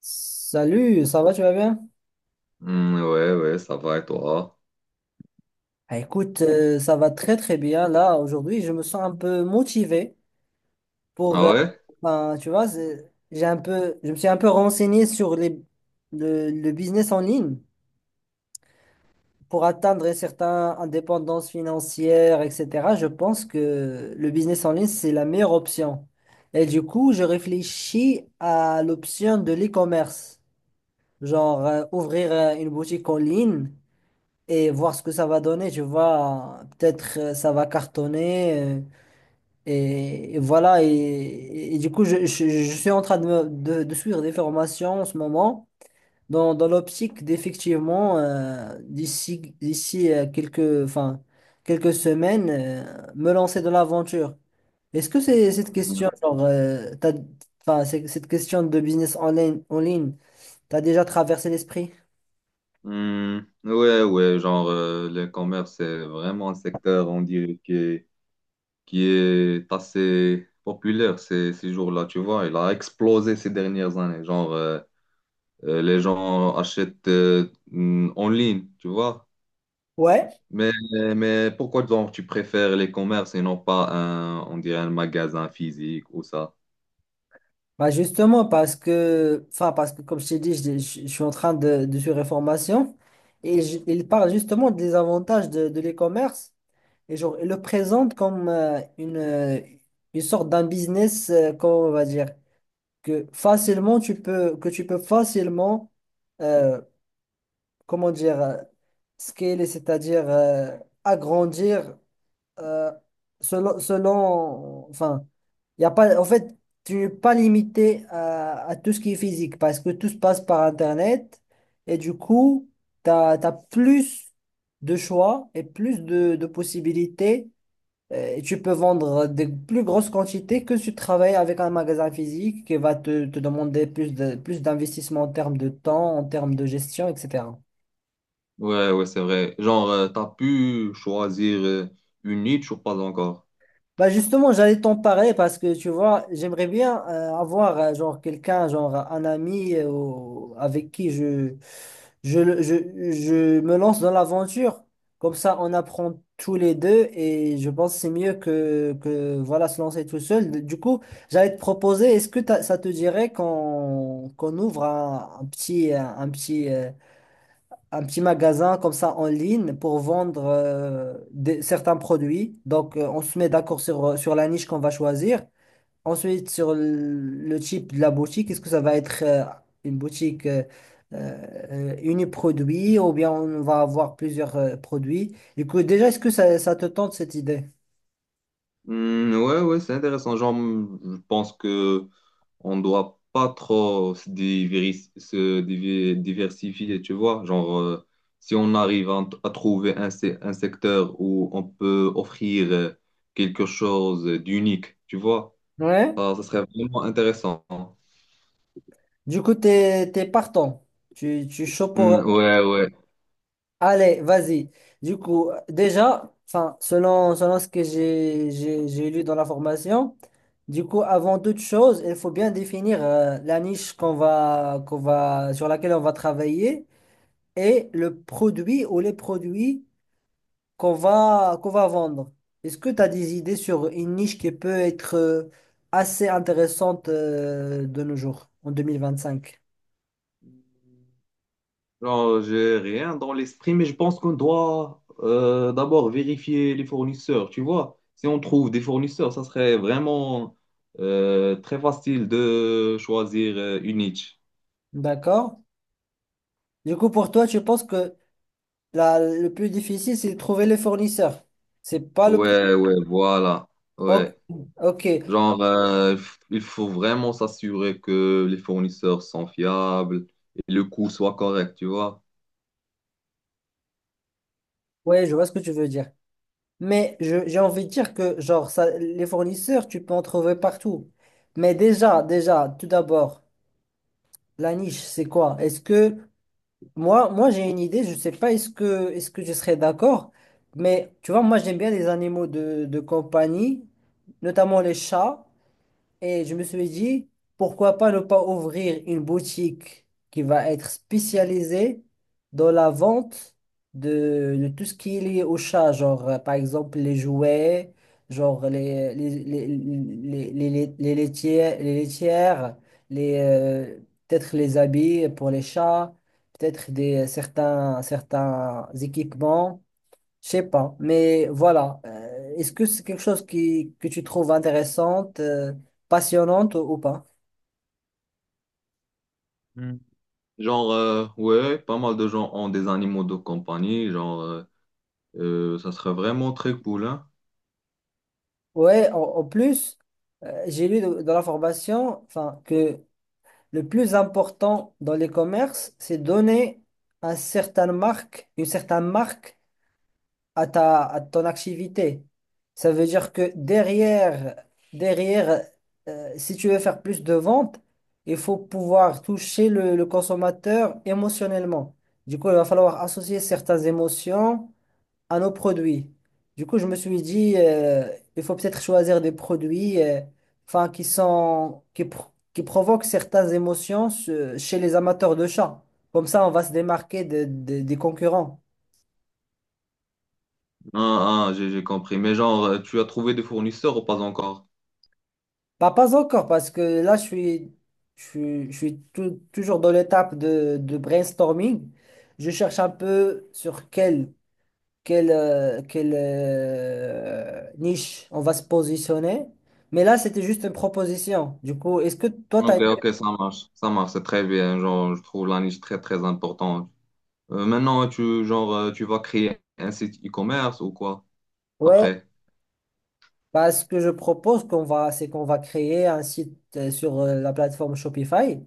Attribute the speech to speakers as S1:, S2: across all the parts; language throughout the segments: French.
S1: Salut, ça va, tu vas bien?
S2: Hmm, ouais, ouais, ça va et toi?
S1: Ah, écoute, ça va très très bien. Là, aujourd'hui, je me sens un peu motivé pour,
S2: Ah ouais?
S1: ben, tu vois, j'ai un peu, je me suis un peu renseigné sur le business en ligne pour atteindre une certaines indépendances financières, etc. Je pense que le business en ligne, c'est la meilleure option. Et du coup, je réfléchis à l'option de l'e-commerce, genre ouvrir une boutique en ligne et voir ce que ça va donner, tu vois. Peut-être ça va cartonner. Et voilà. Et du coup, je suis en train de suivre des formations en ce moment, dans l'optique d'effectivement, d'ici quelques, enfin, quelques semaines, me lancer dans l'aventure. Est-ce que c'est cette
S2: Hmm.
S1: question, genre, enfin, cette question de business en ligne, t'as déjà traversé l'esprit?
S2: Hmm, ouais, ouais, genre le commerce, c'est vraiment un secteur, on dirait, qui est assez populaire ces jours-là, tu vois. Il a explosé ces dernières années. Les gens achètent hmm, en ligne, tu vois.
S1: Ouais.
S2: Mais, mais pourquoi donc tu préfères les commerces et non pas un, on dirait, un magasin physique ou ça?
S1: Bah justement, parce que, enfin, parce que comme je t'ai dit, je suis en train de suivre une formation et il parle justement des avantages de l'e-commerce et genre, il le présente comme une sorte d'un business, comment on va dire, que facilement tu peux, que tu peux facilement, euh, comment dire, scaler, c'est-à-dire agrandir euh, selon, enfin, il y a pas, en fait, tu n'es pas limité à tout ce qui est physique parce que tout se passe par Internet et du coup, tu as, plus de choix et plus de possibilités et tu peux vendre des plus grosses quantités que si tu travailles avec un magasin physique qui va te, te demander plus de, plus d'investissement en termes de temps, en termes de gestion, etc.
S2: Ouais, ouais, c'est vrai. Genre, t'as pu choisir une niche ou pas encore?
S1: Bah justement, j'allais t'en parler parce que tu vois, j'aimerais bien avoir genre quelqu'un, genre un ami avec qui je, je, le- je, je me lance dans l'aventure. Comme ça, on apprend tous les deux et je pense que c'est mieux que voilà, se lancer tout seul. Du coup, j'allais te proposer, est-ce que ça te dirait qu'on ouvre un petit, petit un petit magasin comme ça en ligne pour vendre certains produits. Donc, on se met d'accord sur, sur la niche qu'on va choisir. Ensuite, sur le type de la boutique, est-ce que ça va être une boutique uniproduit ou bien on va avoir plusieurs produits? Du coup, déjà, est-ce que ça te tente cette idée?
S2: Hmm, ouais, ouais, c'est intéressant. Genre, hmm, je pense que on doit pas trop se, diversifier, tu vois. Genre, si on arrive à trouver un, un secteur où on peut offrir quelque chose d'unique, tu vois,
S1: Ouais.
S2: ça serait vraiment intéressant.
S1: Du coup, t'es partant. Tu es chaud
S2: Hmm,
S1: pour.
S2: ouais, ouais.
S1: Allez, vas-y. Du coup, déjà, enfin, selon ce que j'ai lu dans la formation, du coup, avant toute chose, il faut bien définir la niche sur laquelle on va travailler et le produit ou les produits qu'on va vendre. Est-ce que tu as des idées sur une niche qui peut être assez intéressante de nos jours, en 2025?
S2: Non, j'ai rien dans l'esprit, mais je pense qu'on doit d'abord vérifier les fournisseurs, tu vois. Si on trouve des fournisseurs, ça serait vraiment très facile de choisir une niche.
S1: D'accord? Du coup, pour toi, tu penses que le plus difficile, c'est de trouver les fournisseurs. C'est pas le...
S2: Ouais, ouais, voilà.
S1: Ok,
S2: Ouais.
S1: ok.
S2: Genre, il faut vraiment s'assurer que les fournisseurs sont fiables et le coût soit correct, tu vois.
S1: Ouais, je vois ce que tu veux dire. Mais j'ai envie de dire que, genre, ça, les fournisseurs, tu peux en trouver partout. Mais déjà, déjà, tout d'abord, la niche, c'est quoi? Est-ce que... Moi, moi j'ai une idée, je sais pas est-ce que, est-ce que je serais d'accord, mais tu vois, moi, j'aime bien les animaux de compagnie, notamment les chats. Et je me suis dit, pourquoi pas ne pas ouvrir une boutique qui va être spécialisée dans la vente de tout ce qui est lié au chat, genre par exemple les jouets, genre les laitières, les, euh, peut-être les habits pour les chats, peut-être des certains équipements. Je sais pas, mais voilà. Est-ce que c'est quelque chose qui, que tu trouves intéressante, passionnante ou pas?
S2: Hmm. Genre, ouais, pas mal de gens ont des animaux de compagnie. Genre, ça serait vraiment très cool, hein.
S1: Ouais, en, en plus, j'ai lu dans la formation, enfin, que le plus important dans les commerces, c'est donner un certain marque, une certaine marque à ta, à ton activité. Ça veut dire que derrière, derrière, si tu veux faire plus de ventes, il faut pouvoir toucher le consommateur émotionnellement. Du coup, il va falloir associer certaines émotions à nos produits. Du coup, je me suis dit, il faut peut-être choisir des produits, enfin, qui sont, qui provoquent certaines émotions chez les amateurs de chats. Comme ça, on va se démarquer des concurrents.
S2: Ah, ah, j'ai compris. Mais genre, tu as trouvé des fournisseurs ou pas encore?
S1: Bah, pas encore, parce que là, je suis toujours dans l'étape de brainstorming. Je cherche un peu sur quelle niche on va se positionner. Mais là, c'était juste une proposition. Du coup, est-ce que toi, tu as...
S2: Ok, ok, ça marche. Ça marche, c'est très bien. Genre, je trouve la niche très, très importante. Maintenant, tu, genre, tu vas créer un site e-commerce ou quoi
S1: Ouais,
S2: après?
S1: bah, ce que je propose qu'on va, c'est qu'on va créer un site sur la plateforme Shopify.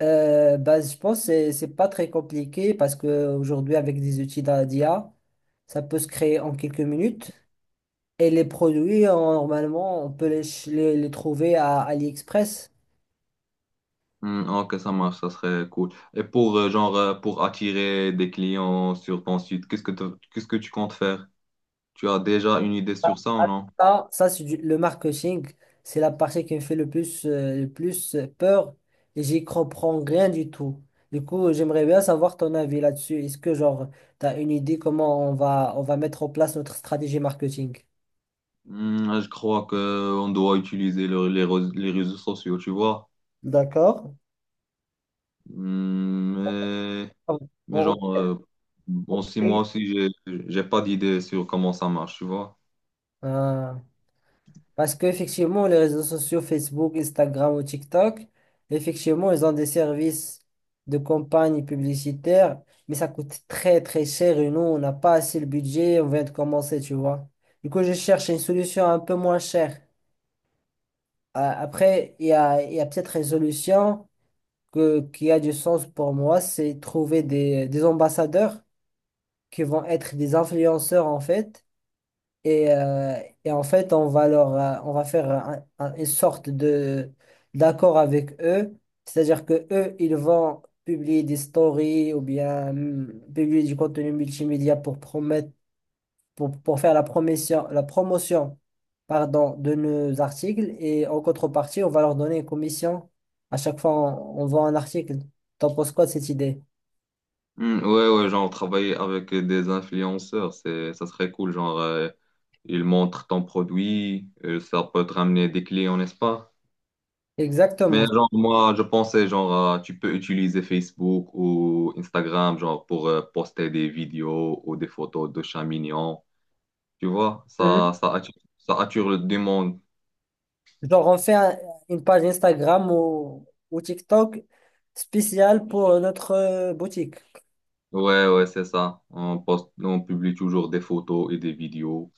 S1: Bah, je pense que c'est pas très compliqué parce que aujourd'hui avec des outils d'IA, ça peut se créer en quelques minutes. Et les produits, normalement, on peut les trouver à AliExpress.
S2: Hmm, ok, ça marche, ça serait cool. Et pour, genre, pour attirer des clients sur ton site, qu'est-ce que, qu'est-ce que tu comptes faire? Tu as déjà une idée sur ça ou non?
S1: Le marketing. C'est la partie qui me fait le plus peur et j'y comprends rien du tout. Du coup, j'aimerais bien savoir ton avis là-dessus. Est-ce que, genre, tu as une idée comment on va mettre en place notre stratégie marketing?
S2: Hmm, je crois que on doit utiliser les, les réseaux sociaux, tu vois.
S1: D'accord.
S2: Hmm,
S1: On-
S2: mais
S1: on-
S2: genre, bon, si moi aussi, j'ai pas d'idée sur comment ça marche, tu vois.
S1: ah, parce qu'effectivement, les réseaux sociaux, Facebook, Instagram ou TikTok, effectivement, ils ont des services de campagne publicitaire, mais ça coûte très très cher et nous, on n'a pas assez le budget, on vient de commencer, tu vois. Du coup, je cherche une solution un peu moins chère. Ah, après, il y a peut-être une solution qui a du sens pour moi, c'est trouver des ambassadeurs qui vont être des influenceurs en fait. Et, euh, et en fait, on va leur, on va faire une sorte de d'accord avec eux. C'est-à-dire que eux, ils vont publier des stories ou bien publier du contenu multimédia pour promettre, pour faire la promotion, pardon, de nos articles. Et en contrepartie, on va leur donner une commission. À chaque fois, on vend un article. T'en penses quoi de cette idée?
S2: Hmm, ouais, ouais, genre, travailler avec des influenceurs, c'est, ça serait cool. Genre, ils montrent ton produit, ça peut te ramener des clients, n'est-ce pas? Mais
S1: Exactement.
S2: genre, moi, je pensais, genre, tu peux utiliser Facebook ou Instagram, genre, pour poster des vidéos ou des photos de chats mignons. Tu vois, ça attire, ça attire le demande.
S1: Genre, on fait une page Instagram ou TikTok spéciale pour notre boutique.
S2: Ouais, ouais, c'est ça. On poste, on publie toujours des photos et des vidéos.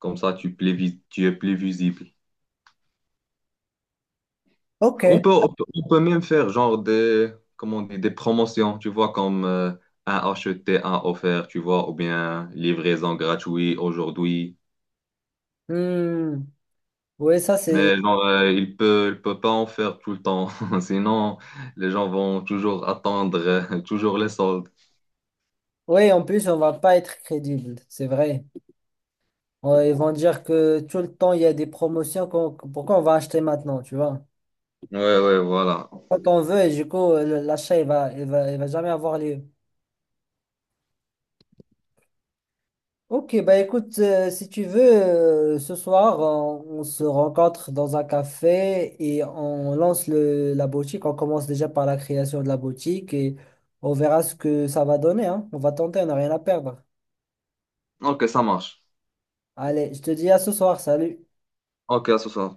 S2: Comme ça, tu, tu es plus visible.
S1: Ok.
S2: On peut, on peut même faire genre des, comment on dit, des promotions, tu vois, comme un acheté, un offert, tu vois, ou bien livraison gratuite aujourd'hui.
S1: Hmm. Oui, ça c'est.
S2: Mais genre, il peut pas en faire tout le temps. Sinon, les gens vont toujours attendre, toujours les soldes.
S1: Oui, en plus, on va pas être crédible, c'est vrai. Ouais, ils vont dire que tout le temps, il y a des promotions. Pourquoi on va acheter maintenant, tu vois?
S2: Ouais, ouais, voilà.
S1: Quand on veut, et du coup, l'achat, il va jamais avoir lieu. Ok, bah écoute, si tu veux, ce soir, on se rencontre dans un café et on lance la boutique. On commence déjà par la création de la boutique et on verra ce que ça va donner, hein. On va tenter, on n'a rien à perdre.
S2: Ok, ça marche.
S1: Allez, je te dis à ce soir, salut.
S2: Ok, à ce soir.